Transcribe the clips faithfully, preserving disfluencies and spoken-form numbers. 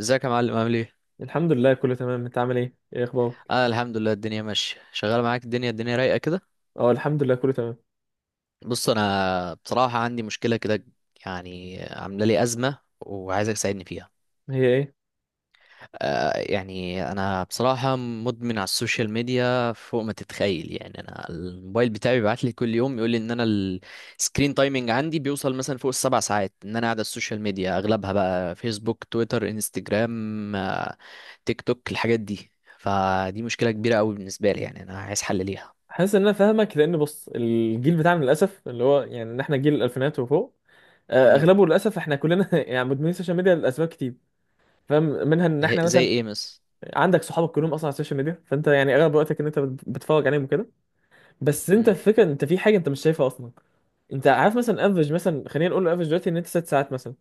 ازيك يا معلم، عامل ايه؟ الحمد لله، كله تمام. انت عامل ايه؟ ايه اخبارك؟ انا الحمد لله الدنيا ماشيه، شغال معاك. الدنيا الدنيا رايقه كده. اه، الحمد لله، كله تمام. بص، انا بصراحه عندي مشكله كده، يعني عامله لي ازمه وعايزك تساعدني فيها. هي ايه؟ آه يعني انا بصراحه مدمن على السوشيال ميديا فوق ما تتخيل. يعني انا الموبايل بتاعي بيبعت لي كل يوم يقول لي ان انا السكرين تايمنج عندي بيوصل مثلا فوق السبع ساعات، ان انا قاعد على السوشيال ميديا، اغلبها بقى فيسبوك، تويتر، انستجرام، آه، تيك توك، الحاجات دي. فدي مشكله كبيره قوي بالنسبه لي، يعني انا عايز حل ليها. حاسس ان انا فاهمك، لان بص الجيل بتاعنا للاسف اللي هو يعني ان احنا جيل الالفينات وفوق. آه، مم. اغلبه للاسف احنا كلنا يعني مدمنين السوشيال ميديا لاسباب كتير. فاهم منها ان هي- احنا زي مثلا ايه مس؟ عندك صحابك كلهم اصلا على السوشيال ميديا، فانت يعني اغلب وقتك ان انت بت- بتتفرج عليهم وكده. بس انت مم. الفكره، انت في حاجه انت مش شايفها اصلا. انت عارف مثلا، افرج مثلا، خلينا نقول افرج دلوقتي ان انت ست ساعات مثلا.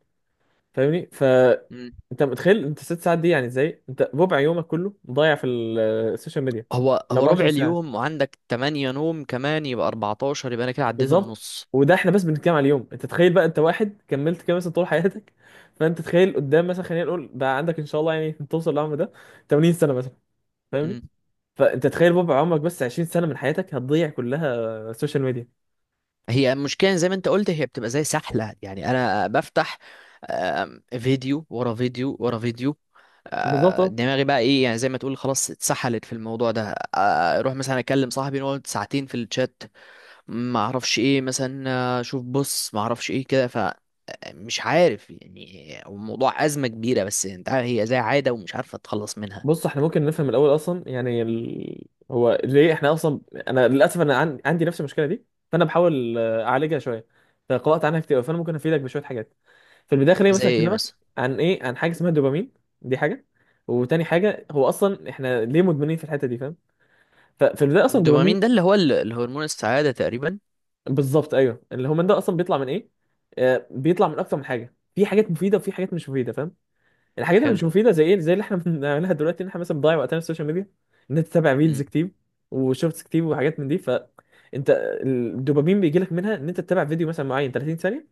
فاهمني؟ ف مم. انت متخيل انت ست ساعات دي يعني ازاي؟ انت ربع يومك كله مضيع في ال- السوشيال ميديا. هو ال هو ربع اربعة وعشرين ساعه. اليوم، وعندك تمانية نوم كمان يبقى اربعتاشر، يبقى انا كده عديت بالظبط. النص. وده احنا بس بنتكلم على اليوم، انت تخيل بقى، انت واحد كملت كده مثلا طول حياتك فانت تخيل قدام مثلا، خلينا نقول بقى، عندك ان شاء الله يعني توصل للعمر ده تمانين سنه مثلا. فاهمني؟ مم. فانت تخيل ربع عمرك، بس عشرين سنه من حياتك هتضيع كلها السوشيال ميديا. هي المشكله زي ما انت قلت، هي بتبقى زي سحله. يعني انا بفتح آم، فيديو ورا فيديو ورا فيديو. آه، بالظبط. دماغي بقى ايه، يعني زي ما تقول خلاص اتسحلت في الموضوع ده. آه، اروح مثلا اكلم صاحبي، نقعد ساعتين في الشات، ما اعرفش ايه مثلا، آه، اشوف بص ما اعرفش ايه كده. مش عارف، يعني هو الموضوع أزمة كبيرة، بس انت عارف هي زي عادة ومش عارفة تتخلص منها. بص، احنا ممكن نفهم الاول اصلا يعني ال... هو ليه احنا اصلا. انا للاسف انا عن... عندي نفس المشكله دي. فانا بحاول آه، اعالجها شويه. فقرات عنها كتير أوي، فانا ممكن افيدك بشويه حاجات. في البدايه، خليني زي مثلا ايه اكلمك مثلا؟ عن ايه؟ عن حاجه اسمها الدوبامين. دي حاجه، وتاني حاجه هو اصلا احنا ليه مدمنين في الحته دي؟ فاهم؟ ففي البدايه اصلا الدوبامين. الدوبامين ده اللي هو ال- الهرمون السعادة تقريبا. بالظبط، ايوه، الهرمون ده اصلا بيطلع من ايه؟ آه بيطلع من اكتر من حاجه، في حاجات مفيده وفي حاجات مش مفيده. فاهم؟ الحاجات اللي مش حلو. مفيده زي ايه؟ زي اللي احنا بنعملها دلوقتي ان احنا مثلا بنضيع وقتنا في السوشيال ميديا. ان انت تتابع مم. ريلز كتير وشورتس كتير وحاجات من دي، فانت الدوبامين بيجي لك منها ان انت تتابع فيديو مثلا معين تلاتين ثانيه.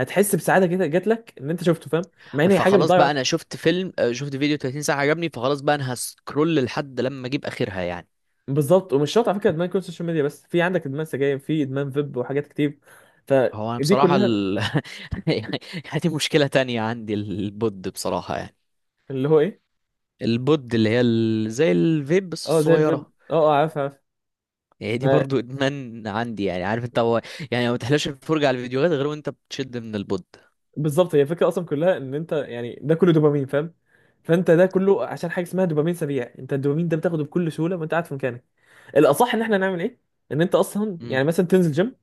هتحس بسعاده كده جات لك ان انت شفته. فاهم؟ مع ان هي حاجه فخلاص بتضيع بقى وقت. انا شفت فيلم، آه، شفت فيديو تلاتين ساعة عجبني، فخلاص بقى انا هسكرول لحد لما اجيب اخرها يعني. بالظبط، ومش شرط على فكره ادمان يكون سوشيال ميديا بس، في عندك ادمان سجاير، في ادمان فيب وحاجات كتير، هو انا فدي بصراحة كلها. ال... يعني، دي مشكلة تانية عندي، البود بصراحة يعني. اللي هو ايه؟ البود اللي هي ال... زي الفيب بس اه، زي الفيب. الصغيرة. اه، اه، عارف عارف. هي دي برضو ادمان عندي، يعني عارف انت هو، يعني ما تحلاش الفرجة على الفيديوهات غير وانت بتشد من البود. بالظبط، هي الفكره اصلا كلها ان انت يعني ده كله دوبامين. فاهم؟ فانت ده كله عشان حاجه اسمها دوبامين سريع. انت الدوبامين ده بتاخده بكل سهوله وانت قاعد في مكانك. الاصح ان احنا نعمل ايه؟ ان انت اصلا امم. يعني مثلا تنزل جيم.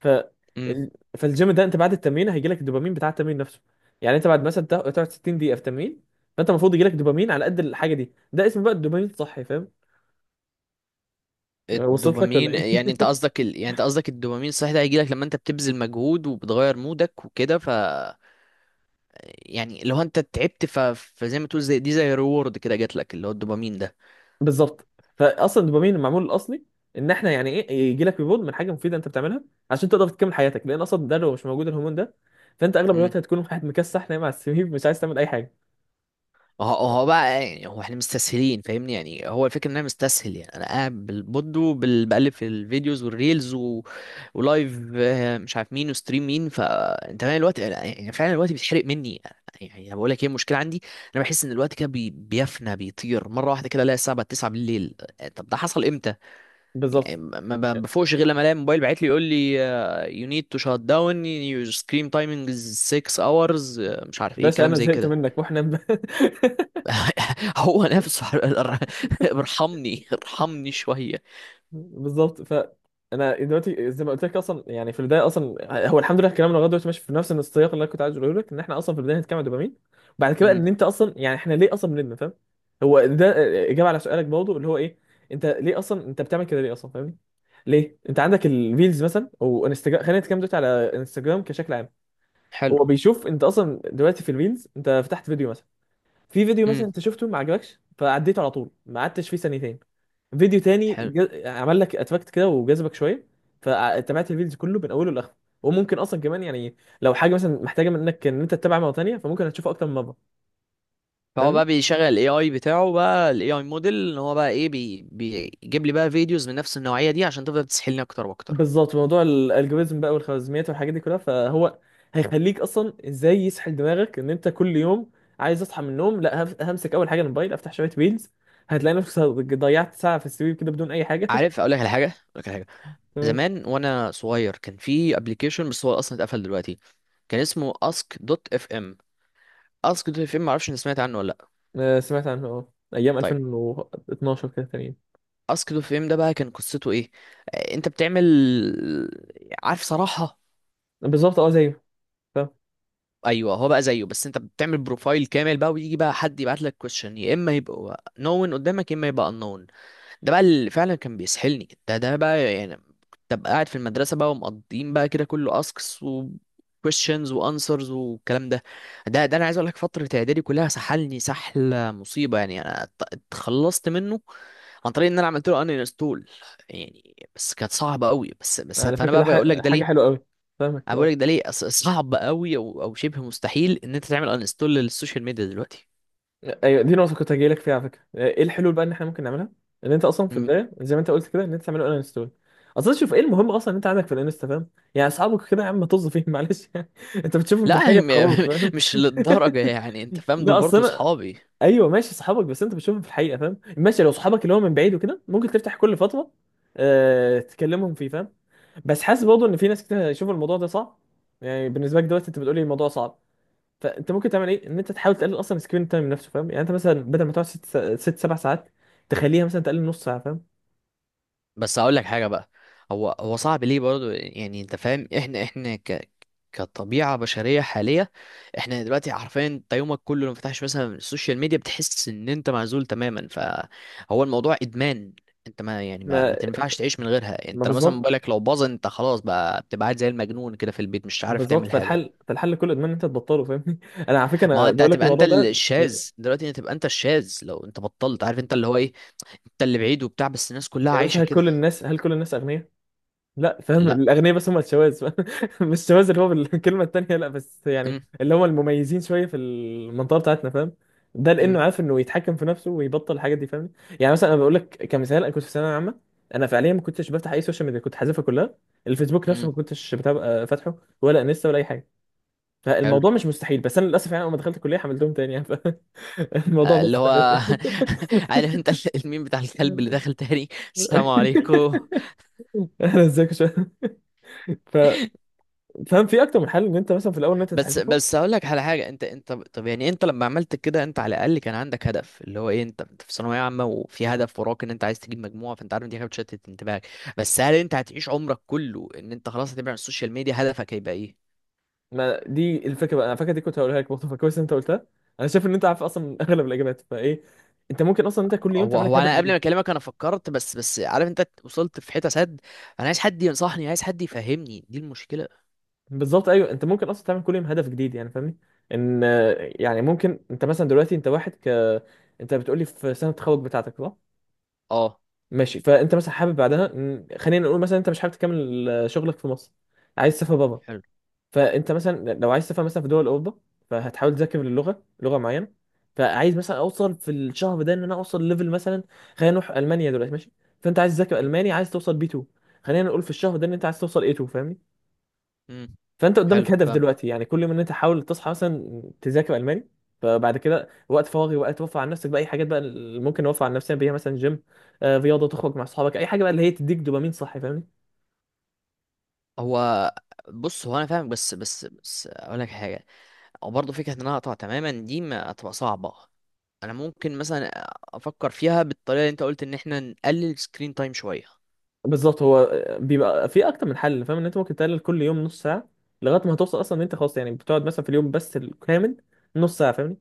ف امم. ال- فالجيم ده انت بعد التمرين هيجي لك الدوبامين بتاع التمرين نفسه. يعني انت بعد مثلا تا- تقعد ستين دقيقه في تمرين. فانت المفروض يجي لك دوبامين على قد الحاجه دي. ده اسمه بقى الدوبامين الصحي. فاهم؟ وصلت لك ولا الدوبامين، ايه؟ يعني انت قصدك ال... يعني انت قصدك الدوبامين صحيح ده هيجي لك لما انت بتبذل مجهود وبتغير مودك وكده، ف يعني لو انت تعبت ف... فزي ما تقول زي دي، زي ريورد كده جات لك اللي هو الدوبامين. بالظبط، فاصلا الدوبامين المعمول الاصلي ان احنا يعني ايه؟ يجي لك ريبورت من حاجه مفيده انت بتعملها عشان تقدر تكمل حياتك، لان اصلا ده لو مش موجود الهرمون ده، فانت اغلب ده الوقت هتكون واحد مكسح نايم على السرير مش عايز تعمل اي حاجه. ما هو هو بقى، يعني هو احنا مستسهلين فاهمني، يعني هو الفكره ان انا مستسهل، يعني انا قاعد بالبود وبقلب في الفيديوز والريلز و... ولايف، آه، مش عارف مين وستريم مين، فانت فاهم الوقت يعني، يعني فعلا الوقت بيتحرق مني يعني. يعني انا بقول لك ايه المشكله عندي. انا بحس ان الوقت كده بي... بيفنى، بيطير مره واحده، كده الاقي الساعه بقت تسعة بالليل. آه، طب ده حصل امتى؟ بالظبط. يعني ما ما بفوقش غير لما الاقي الموبايل باعت لي يقول لي يو نيد تو شات داون يور سكرين تايمينج از six اورز، مش عارف ايه باشا، كلام انا زي زهقت كده. منك واحنا هو نفسه. ارحمني ارحمني شوية. بالظبط. ف انا دلوقتي زي ما قلت لك اصلا، يعني في البدايه اصلا هو الحمد لله كلامنا لغايه دلوقتي ماشي في نفس السياق اللي انا كنت عايز اقوله لك، ان احنا اصلا في البدايه هنتكلم عن الدوبامين. بعد كده ان امم. انت اصلا يعني احنا ليه اصلا بنبني. فاهم؟ هو ده اجابه على سؤالك برضه اللي هو ايه؟ انت ليه اصلا انت بتعمل كده ليه اصلا؟ فاهمني؟ ليه انت عندك الريلز مثلا او انستجرام؟ خلينا نتكلم دلوقتي على انستجرام كشكل عام. هو حلو. بيشوف انت اصلا دلوقتي في الريلز انت فتحت فيديو مثلا، في فيديو مثلا امم. انت شفته ما عجبكش فعديته على طول، ما قعدتش فيه ثانيتين. فيديو تاني حلو. ج- عمل لك اتفكت كده وجذبك شويه. فتابعت الفيديو كله من اوله لاخره. وممكن اصلا كمان يعني لو حاجه مثلا محتاجه منك ان انت تتابع مره تانيه فممكن هتشوفها اكتر من مره. فهو فاهمني؟ بقى بيشغل الاي اي بتاعه، بقى الاي اي موديل ان هو بقى ايه بي بيجيب لي بقى فيديوز من نفس النوعية دي عشان تفضل تسحلني اكتر واكتر. بالظبط، موضوع الالجوريزم بقى والخوارزميات والحاجات دي كلها. فهو هيخليك اصلا ازاي يسحل دماغك، ان انت كل يوم عايز اصحى من النوم، لا هف- همسك اول حاجه الموبايل افتح شويه ريلز. هتلاقي نفسك ضيعت ساعه في السرير كده بدون اي حاجه. عارف اقول لك على حاجة، اقول لك على حاجة. تمام. زمان وانا صغير كان في ابلكيشن، بس هو اصلا اتقفل دلوقتي. كان اسمه اسك دوت اف ام. اسك دوت اف ام معرفش ان سمعت عنه ولا لا؟ آه، سمعت عنه، اه، ايام طيب. الفين واتناشر كده تقريبا. اسك دوت اف ام ده بقى كان قصته ايه؟ آه، انت بتعمل، عارف صراحة. بالظبط، اه، زيه. ايوه هو بقى زيه، بس انت بتعمل بروفايل كامل بقى، ويجي بقى حد يبعت لك كويشن يا اما يبقى نون قدامك يا اما يبقى unknown. ده بقى اللي فعلا كان بيسحلني. ده ده بقى يعني، كنت ابقى قاعد في المدرسه بقى، ومقضيين بقى كده كله اسكس و questions وانسرز والكلام ده. ده ده انا عايز اقول لك، فتره اعدادي كلها سحلني سحله مصيبه، يعني انا ات- اتخلصت منه عن طريق ان انا عملت له ان انستول، يعني. بس كانت صعبه قوي، بس بس على فانا فكرة ده بقى بقول لك ح- ده حاجة ليه. حلوة قوي. فاهمك، انا اه. بقول لك ده ليه أص- صعب قوي، او او شبه مستحيل ان انت تعمل انستول للسوشيال ميديا دلوقتي. ايوه، دي نقطة كنت هجيلك فيها على فكرة. آه، ايه الحلول بقى ان احنا ممكن نعملها؟ ان انت اصلا في مم. البداية زي ما انت قلت كده ان انت تعمله ان انستول. اصلا شوف، ايه المهم اصلا ان انت عندك في الانستا؟ فاهم؟ يعني اصحابك كده يا عم طز فيهم، معلش يعني. انت بتشوفهم في لا هي الحقيقة خلاص. م- فاهم؟ مش للدرجه يعني انت فاهم، دول لا، اصل برضو انا. صحابي. ايوه، ماشي صحابك بس انت بتشوفهم في الحقيقه، فاهم؟ ماشي، لو صحابك اللي هو من بعيد وكده ممكن تفتح كل فتره أه... تكلمهم فيه. فاهم؟ بس حاسس برضه ان في ناس كتير هيشوفوا الموضوع ده صعب. يعني بالنسبه لك دلوقتي انت بتقولي الموضوع صعب. فانت ممكن تعمل ايه؟ ان انت تحاول تقلل اصلا سكرين تايم نفسه، فاهم؟ يعني انت مثلا بدل ما تقعد ست ست سبع ساعات، تخليها مثلا تقلل نص ساعه. فاهم؟ بس هقول لك حاجه بقى. هو هو صعب ليه برضو، يعني انت فاهم احنا احنا ك كطبيعه بشريه حاليه. احنا دلوقتي عارفين انت يومك كله لو فتحش مثلا السوشيال ميديا بتحس ان انت معزول تماما، فهو الموضوع ادمان. انت ما يعني ما, ما ما تنفعش تعيش من غيرها. ما انت لو مثلا بالظبط، موبايلك لو باظ انت خلاص بقى بتبقى قاعد زي المجنون كده في البيت مش عارف بالظبط. تعمل حاجه. فالحل فالحل كله ادمان ان انت تبطله. فاهمني؟ انا على فكره ما هو انا انت بقول لك هتبقى انت الموضوع ده. الشاذ دلوقتي، هتبقى انت الشاذ لو انت بطلت، عارف انت اللي هو ايه، انت اللي بعيد وبتاع، بس الناس كلها يا عايشة باشا، هل كل كده. الناس هل كل الناس اغنياء؟ لا، فاهم، لا. الاغنياء بس هم الشواذ. مش الشواذ اللي هو بالكلمه التانيه، لا، بس يعني امم. اللي هم المميزين شويه في المنطقه بتاعتنا. فاهم؟ ده لانه امم. عارف انه يتحكم في نفسه ويبطل الحاجات دي. فاهم؟ يعني مثلا انا بقول لك كمثال، انا كنت في ثانويه عامه. انا فعليا ما كنتش بفتح اي سوشيال ميديا، كنت حذفها كلها. الفيسبوك نفسه امم. ما كنتش بتابع، آه، فاتحه، ولا انستا ولا اي حاجه. حلو. فالموضوع مش مستحيل. بس انا للاسف يعني اول ما دخلت الكليه حملتهم تاني يعني. فالموضوع آه، اللي بس هو تلاتة. عارف انت ال- الميم بتاع الكلب اللي داخل تاني. السلام عليكم. انا ازيك شويه. ف- فاهم، في اكتر من حل ان انت مثلا في الاول ان انت بس تحذفه. بس هقول لك على حاجه. انت انت طب يعني انت لما عملت كده انت على الاقل كان عندك هدف اللي هو ايه، انت انت في ثانويه عامه وفي هدف وراك ان انت عايز تجيب مجموعه، فانت عارف إن دي حاجه بتشتت انتباهك. بس هل انت هتعيش عمرك كله ان انت خلاص هتبعد عن السوشيال ميديا؟ هدفك هيبقى ايه؟ ما دي الفكره بقى، انا فاكر دي كنت هقولها لك برضه، فكويس ان انت قلتها. انا شايف ان انت عارف اصلا اغلب الاجابات، فايه؟ انت ممكن اصلا انت كل يوم هو تعمل لك هو هدف انا قبل ما جديد. اكلمك انا فكرت، بس بس عارف انت وصلت في حته سد. انا عايز حد ينصحني، عايز حد يفهمني، دي المشكله. بالظبط، ايوه، انت ممكن اصلا تعمل كل يوم هدف جديد يعني. فاهمني؟ ان آه، يعني ممكن انت مثلا دلوقتي انت واحد ك انت بتقولي في سنه التخرج بتاعتك، صح؟ اه. ماشي، فانت مثلا حابب بعدها إن- خلينا نقول مثلا انت مش حابب تكمل آه، شغلك في مصر. عايز تسافر بابا. حلو. فانت مثلا لو عايز تفهم مثلا في دول اوروبا، فهتحاول تذاكر اللغه، لغه معينه. فعايز مثلا اوصل في الشهر ده ان انا اوصل ليفل مثلا، خلينا نروح المانيا دلوقتي ماشي. فانت عايز تذاكر امم. الماني، عايز توصل بي اتنين. خلينا نقول في الشهر ده ان انت عايز توصل اي اتنين. فاهمني؟ امم. فانت قدامك حلو. هدف فاهم. دلوقتي يعني، كل ما ان انت حاول تصحى مثلا تذاكر الماني. فبعد كده وقت فراغي، وقت توفر على نفسك بقى اي حاجات بقى اللي ممكن اوفر على نفسي بيها، مثلا جيم، آه، رياضه، تخرج مع اصحابك، اي حاجه بقى اللي هي تديك دوبامين صحي. فاهمني؟ هو بص، هو انا فاهمك، بس بس بس اقول لك حاجه. او برضه فكره ان انا اقطع تماما دي ما هتبقى صعبه. انا ممكن مثلا افكر فيها بالطريقه اللي انت قلت ان احنا نقلل سكرين تايم شويه. بالظبط، هو بيبقى في اكتر من حل. فاهم؟ ان انت ممكن تقلل كل يوم نص ساعه لغايه ما هتوصل اصلا ان انت خلاص يعني بتقعد مثلا في اليوم بس الكامل نص ساعه. فاهمني؟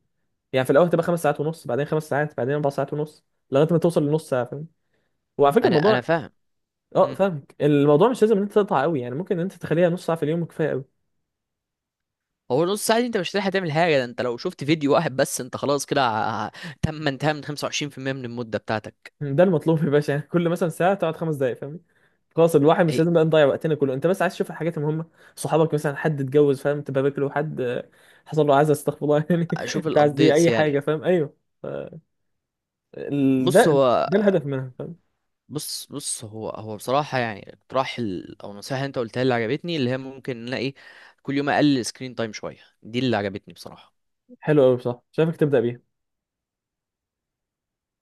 يعني في الاول هتبقى خمس ساعات ونص، بعدين خمس ساعات، بعدين اربع ساعات ونص، لغايه ما توصل لنص ساعه. فاهمني؟ وعلى فكره انا الموضوع، انا فاهم. اه، امم. فاهمك. الموضوع مش لازم ان انت تقطع قوي، يعني ممكن ان انت تخليها نص ساعه في اليوم كفايه قوي. هو نص ساعه دي انت مش هتلحق تعمل حاجه، ده انت لو شفت فيديو واحد بس انت خلاص كده ع- تم انتهى من خمسه وعشرين في المية من المده بتاعتك. ده المطلوب يا باشا. يعني كل مثلا ساعه تقعد خمس دقائق. فاهمني؟ خلاص الواحد مش هي- لازم بقى نضيع وقتنا كله، انت بس عايز تشوف الحاجات المهمه. صحابك مثلا حد اتجوز، فاهم؟ تبقى باكله. حد آه، حصل له عزا، استغفر الله يعني. اشوف انت عايز دي الابديتس اي حاجه، يعني. فاهم؟ ايوه. ف- ال- بص ده هو، ده الهدف منها. فاهم؟ بص بص هو هو بصراحه يعني اقتراح ال- او النصيحه اللي انت قلتها اللي عجبتني اللي هي ممكن نلاقي كل يوم اقلل سكرين تايم شويه، دي اللي عجبتني بصراحه. حلو قوي، بصح شايفك تبدا بيها.